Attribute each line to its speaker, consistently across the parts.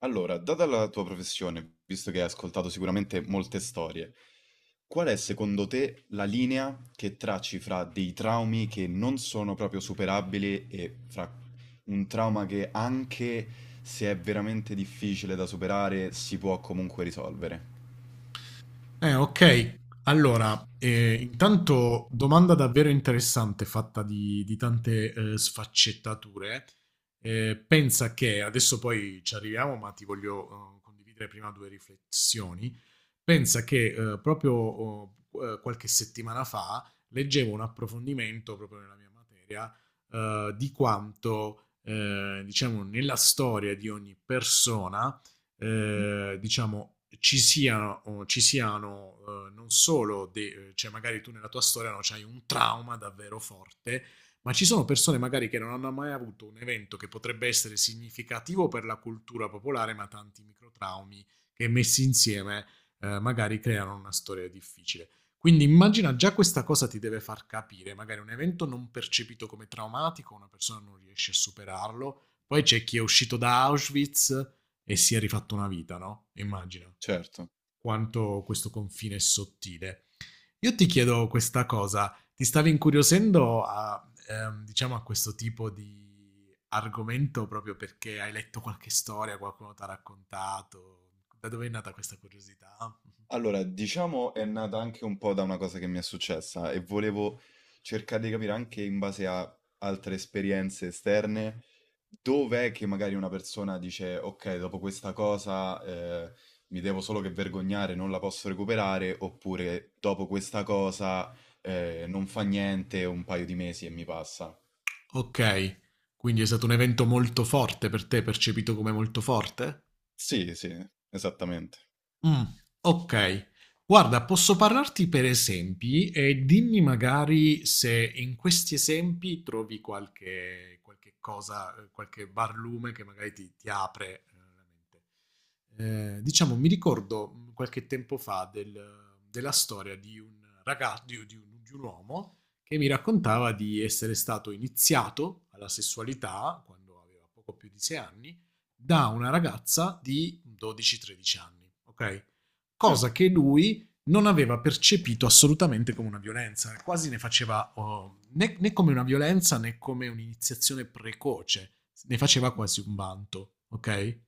Speaker 1: Allora, data la tua professione, visto che hai ascoltato sicuramente molte storie, qual è secondo te la linea che tracci fra dei traumi che non sono proprio superabili e fra un trauma che anche se è veramente difficile da superare si può comunque risolvere?
Speaker 2: Ok. Allora, intanto domanda davvero interessante fatta di tante sfaccettature. Pensa che adesso poi ci arriviamo, ma ti voglio condividere prima due riflessioni. Pensa che qualche settimana fa leggevo un approfondimento proprio nella mia materia, di quanto, diciamo, nella storia di ogni persona diciamo, ci siano non solo, cioè magari tu nella tua storia no, c'hai un trauma davvero forte, ma ci sono persone magari che non hanno mai avuto un evento che potrebbe essere significativo per la cultura popolare, ma tanti microtraumi che messi insieme magari creano una storia difficile. Quindi immagina, già questa cosa ti deve far capire: magari un evento non percepito come traumatico, una persona non riesce a superarlo, poi c'è chi è uscito da Auschwitz e si è rifatto una vita, no? Immagino
Speaker 1: Certo.
Speaker 2: quanto questo confine è sottile. Io ti chiedo questa cosa, ti stavi incuriosendo a, diciamo, a questo tipo di argomento proprio perché hai letto qualche storia, qualcuno ti ha raccontato? Da dove è nata questa curiosità?
Speaker 1: Allora, diciamo è nata anche un po' da una cosa che mi è successa e volevo cercare di capire anche in base a altre esperienze esterne dov'è che magari una persona dice ok, dopo questa cosa mi devo solo che vergognare, non la posso recuperare, oppure dopo questa cosa non fa niente un paio di mesi e mi passa.
Speaker 2: Ok, quindi è stato un evento molto forte per te, percepito come molto forte?
Speaker 1: Sì, sì, esattamente.
Speaker 2: Mh, okay. Guarda, posso parlarti per esempi e dimmi magari se in questi esempi trovi qualche cosa, qualche barlume che magari ti apre, la mente. Diciamo mi ricordo, qualche tempo fa della storia di un raga di u di un uomo che mi raccontava di essere stato iniziato alla sessualità quando aveva poco più di 6 anni da una ragazza di 12-13 anni, ok?
Speaker 1: Eh,
Speaker 2: Cosa che lui non aveva percepito assolutamente come una violenza, quasi ne faceva né come una violenza né come un'iniziazione precoce, ne faceva quasi un vanto, ok?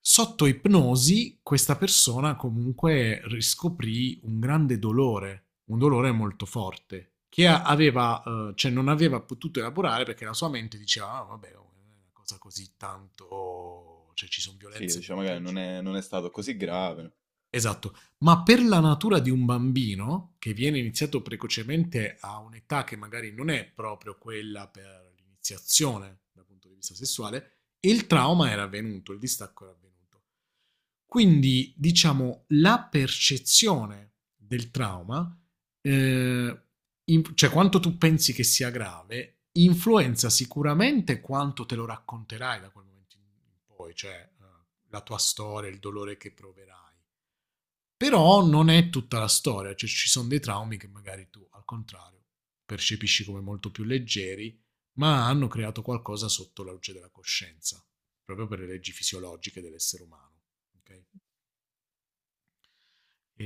Speaker 2: Sotto ipnosi questa persona comunque riscoprì un grande dolore, un dolore molto forte, che aveva, cioè non aveva potuto elaborare perché la sua mente diceva: "Ah, vabbè, non è una cosa così tanto, cioè ci sono
Speaker 1: sì,
Speaker 2: violenze ben
Speaker 1: diciamo magari non
Speaker 2: peggiori."
Speaker 1: è non è stato così grave.
Speaker 2: Esatto, ma per la natura di un bambino che viene iniziato precocemente a un'età che magari non è proprio quella per l'iniziazione dal punto di vista sessuale, il trauma era avvenuto, il distacco era avvenuto. Quindi, diciamo, la percezione del trauma, eh, cioè quanto tu pensi che sia grave, influenza sicuramente quanto te lo racconterai da quel momento in poi, cioè, la tua storia, il dolore che proverai. Però non è tutta la storia, cioè ci sono dei traumi che magari tu, al contrario, percepisci come molto più leggeri, ma hanno creato qualcosa sotto la luce della coscienza, proprio per le leggi fisiologiche dell'essere umano. Ok?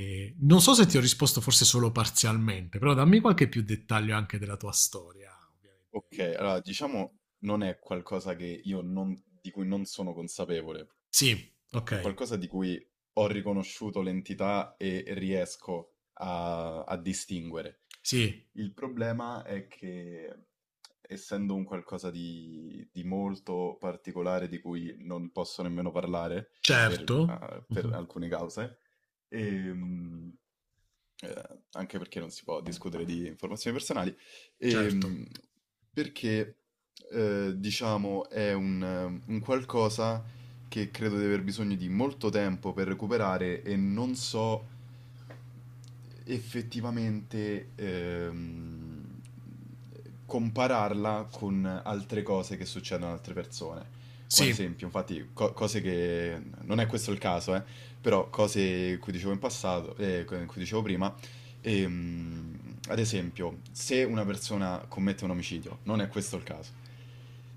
Speaker 2: E non so se ti ho risposto, forse solo parzialmente, però dammi qualche più dettaglio anche della tua storia, ovviamente.
Speaker 1: Ok, allora diciamo non è qualcosa che io non, di cui non sono consapevole,
Speaker 2: Sì,
Speaker 1: è
Speaker 2: ok,
Speaker 1: qualcosa di cui ho riconosciuto l'entità e riesco a, a distinguere.
Speaker 2: sì,
Speaker 1: Il problema è che, essendo un qualcosa di molto particolare di cui non posso nemmeno parlare
Speaker 2: certo,
Speaker 1: per
Speaker 2: uh-huh.
Speaker 1: alcune cause, ehm, anche perché non si può discutere di informazioni personali,
Speaker 2: Certo,
Speaker 1: ehm, perché, diciamo è un qualcosa che credo di aver bisogno di molto tempo per recuperare e non so effettivamente compararla con altre cose che succedono ad altre persone. Come ad
Speaker 2: sì,
Speaker 1: esempio, infatti, cose che Non è questo il caso, però cose cui dicevo in passato, cui dicevo prima, ad esempio, se una persona commette un omicidio, non è questo il caso.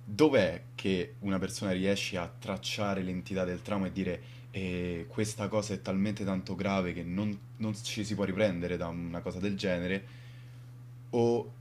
Speaker 1: Dov'è che una persona riesce a tracciare l'entità del trauma e dire: questa cosa è talmente tanto grave che non ci si può riprendere da una cosa del genere, o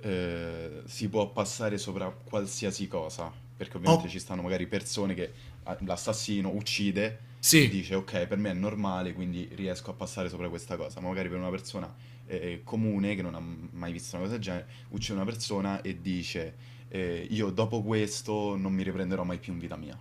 Speaker 1: si può passare sopra qualsiasi cosa?" Perché ovviamente
Speaker 2: ho,
Speaker 1: ci stanno magari persone che ah, l'assassino uccide e
Speaker 2: sì.
Speaker 1: dice ok, per me è normale, quindi riesco a passare sopra questa cosa, ma magari per una persona comune che non ha mai visto una cosa del genere, uccide una persona e dice io dopo questo non mi riprenderò mai più in vita mia.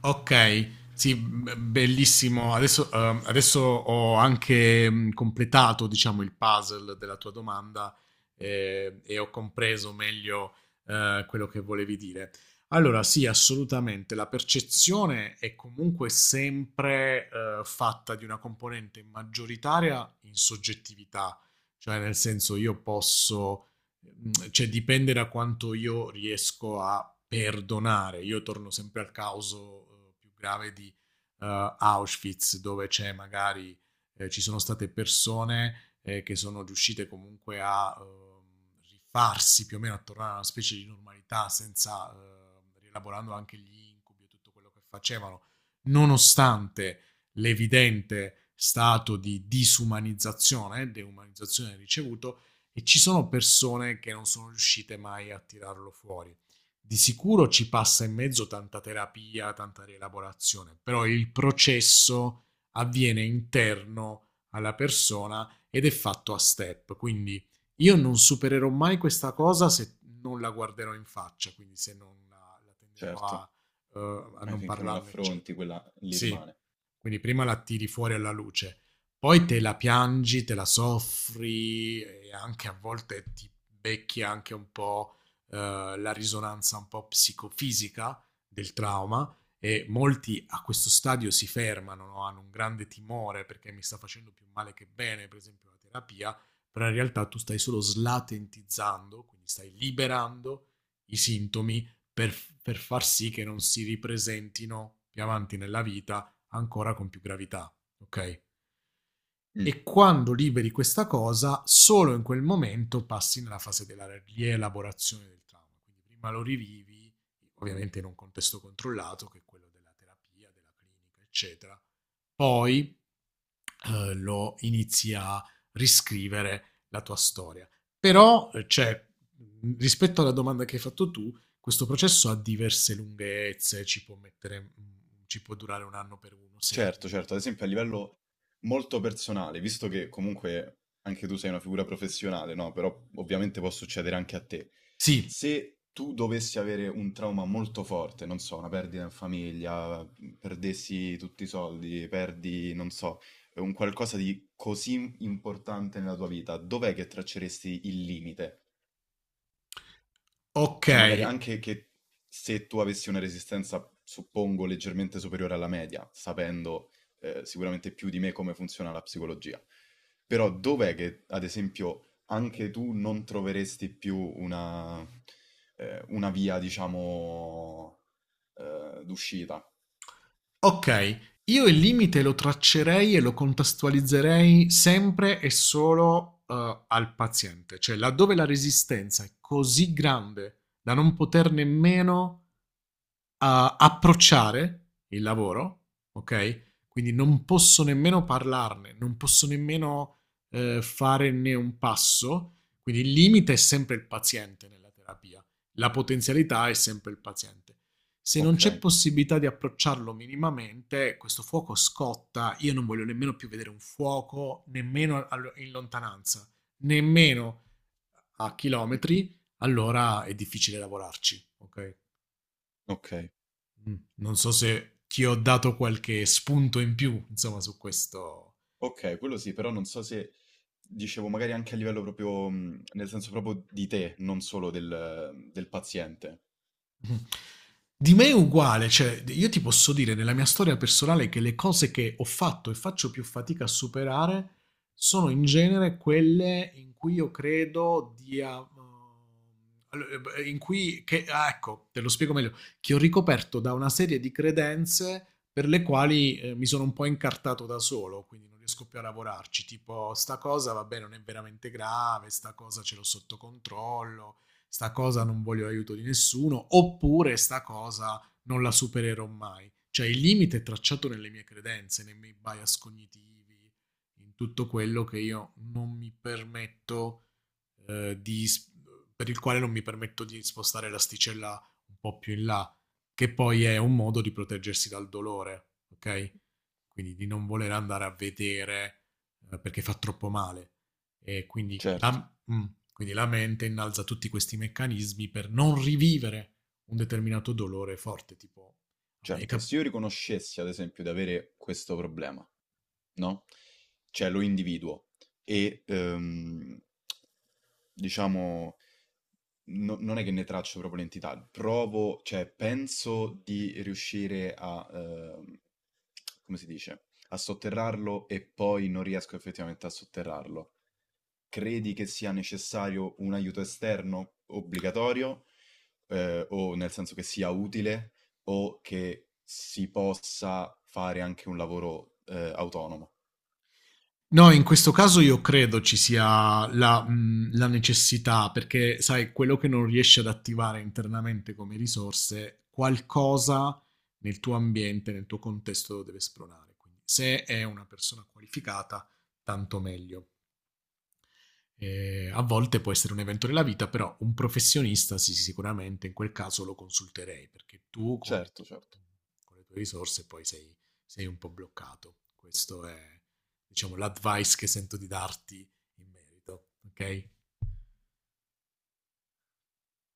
Speaker 2: Okay, sì, b bellissimo. Adesso adesso ho anche, completato, diciamo, il puzzle della tua domanda, e ho compreso meglio, quello che volevi dire. Allora sì, assolutamente, la percezione è comunque sempre, fatta di una componente maggioritaria in soggettività, cioè nel senso io posso, cioè dipende da quanto io riesco a perdonare. Io torno sempre al caso, più grave di, Auschwitz, dove c'è magari ci sono state persone, che sono riuscite comunque a, rifarsi più o meno, a tornare a una specie di normalità, senza, rielaborando anche gli incubi e tutto quello che facevano, nonostante l'evidente stato di disumanizzazione, deumanizzazione ricevuto, e ci sono persone che non sono riuscite mai a tirarlo fuori. Di sicuro ci passa in mezzo tanta terapia, tanta rielaborazione, però il processo avviene interno alla persona ed è fatto a step, quindi io non supererò mai questa cosa se non la guarderò in faccia, quindi se non la, la tenderò
Speaker 1: Certo,
Speaker 2: a, a non
Speaker 1: finché non
Speaker 2: parlarne,
Speaker 1: l'affronti,
Speaker 2: eccetera.
Speaker 1: quella lì
Speaker 2: Sì,
Speaker 1: rimane.
Speaker 2: quindi prima la tiri fuori alla luce. Poi te la piangi, te la soffri e anche a volte ti becchi anche un po' eh, la risonanza un po' psicofisica del trauma, e molti a questo stadio si fermano, no? Hanno un grande timore perché mi sta facendo più male che bene, per esempio la terapia, però in realtà tu stai solo slatentizzando, quindi stai liberando i sintomi per far sì che non si ripresentino più avanti nella vita ancora con più gravità, ok? E quando liberi questa cosa, solo in quel momento passi nella fase della rielaborazione del trauma. Quindi prima lo rivivi, ovviamente in un contesto controllato, che è quello della terapia, della clinica, eccetera. Poi lo inizi a riscrivere la tua storia. Però, cioè, rispetto alla domanda che hai fatto tu, questo processo ha diverse lunghezze, ci può, mettere, ci può durare 1 anno per uno, sei
Speaker 1: Certo,
Speaker 2: anni per
Speaker 1: certo, ad
Speaker 2: un
Speaker 1: esempio a
Speaker 2: altro.
Speaker 1: livello molto personale, visto che comunque anche tu sei una figura professionale, no? Però ovviamente può succedere anche a te.
Speaker 2: Sì,
Speaker 1: Se tu dovessi avere un trauma molto forte, non so, una perdita in famiglia, mhmm, perdessi tutti i soldi, perdi, non so, un qualcosa di così importante nella tua vita, dov'è che tracceresti il limite?
Speaker 2: ok.
Speaker 1: Cioè magari anche che se tu avessi una resistenza, suppongo, leggermente superiore alla media, sapendo sicuramente più di me come funziona la psicologia. Però dov'è che, ad esempio, anche tu non troveresti più una via, diciamo, d'uscita?
Speaker 2: Ok, io il limite lo traccerei e lo contestualizzerei sempre e solo, al paziente, cioè laddove la resistenza è così grande da non poter nemmeno a approcciare il lavoro, ok? Quindi non posso nemmeno parlarne, non posso nemmeno fare né un passo. Quindi il limite è sempre il paziente nella terapia, la potenzialità è sempre il paziente. Se non
Speaker 1: Ok,
Speaker 2: c'è possibilità di approcciarlo minimamente, questo fuoco scotta. Io non voglio nemmeno più vedere un fuoco, nemmeno in lontananza, nemmeno a chilometri, allora è difficile lavorarci, ok?
Speaker 1: ok.
Speaker 2: Mm. Non so se ti ho dato qualche spunto in più, insomma, su questo.
Speaker 1: Ok, quello sì, però non so se dicevo magari anche a livello proprio, nel senso proprio di te, non solo del paziente.
Speaker 2: Mh. Di me è uguale, cioè d io ti posso dire nella mia storia personale che le cose che ho fatto e faccio più fatica a superare sono in genere quelle in cui io credo di a allo e b in cui che ah, ecco, te lo spiego meglio, che ho ricoperto da una serie di credenze per le quali, mi sono un po' incartato da solo, quindi non riesco più a lavorarci, tipo: "Sta cosa vabbè non è veramente grave, sta cosa ce l'ho sotto controllo, sta cosa non voglio l'aiuto di nessuno, oppure sta cosa non la supererò mai." Cioè il limite è tracciato nelle mie credenze, nei miei bias cognitivi, in tutto quello che io non mi permetto eh, di s- per il quale non mi permetto di spostare l'asticella un po' più in là, che poi è un modo di proteggersi dal dolore, ok? Quindi di non voler andare a vedere perché fa troppo male. E quindi la,
Speaker 1: Certo.
Speaker 2: mm, quindi la mente innalza tutti questi meccanismi per non rivivere un determinato dolore forte, tipo a me è
Speaker 1: Certo, se io riconoscessi ad esempio di avere questo problema, no? Cioè lo individuo e diciamo non è che ne traccio proprio l'entità, provo, cioè penso di riuscire a, come si dice, a sotterrarlo e poi non riesco effettivamente a sotterrarlo, credi che sia necessario un aiuto esterno obbligatorio, o nel senso che sia utile, o che si possa fare anche un lavoro, autonomo?
Speaker 2: No, in questo caso io credo ci sia la, la necessità, perché sai, quello che non riesci ad attivare internamente come risorse, qualcosa nel tuo ambiente, nel tuo contesto lo deve spronare. Quindi se è una persona qualificata, tanto meglio. A volte può essere un evento della vita, però un professionista sì, sì, sicuramente in quel caso lo consulterei, perché tu con
Speaker 1: Certo, certo.
Speaker 2: con le tue risorse poi sei, sei un po' bloccato. Questo è, diciamo, l'advice che sento di darti in merito, ok?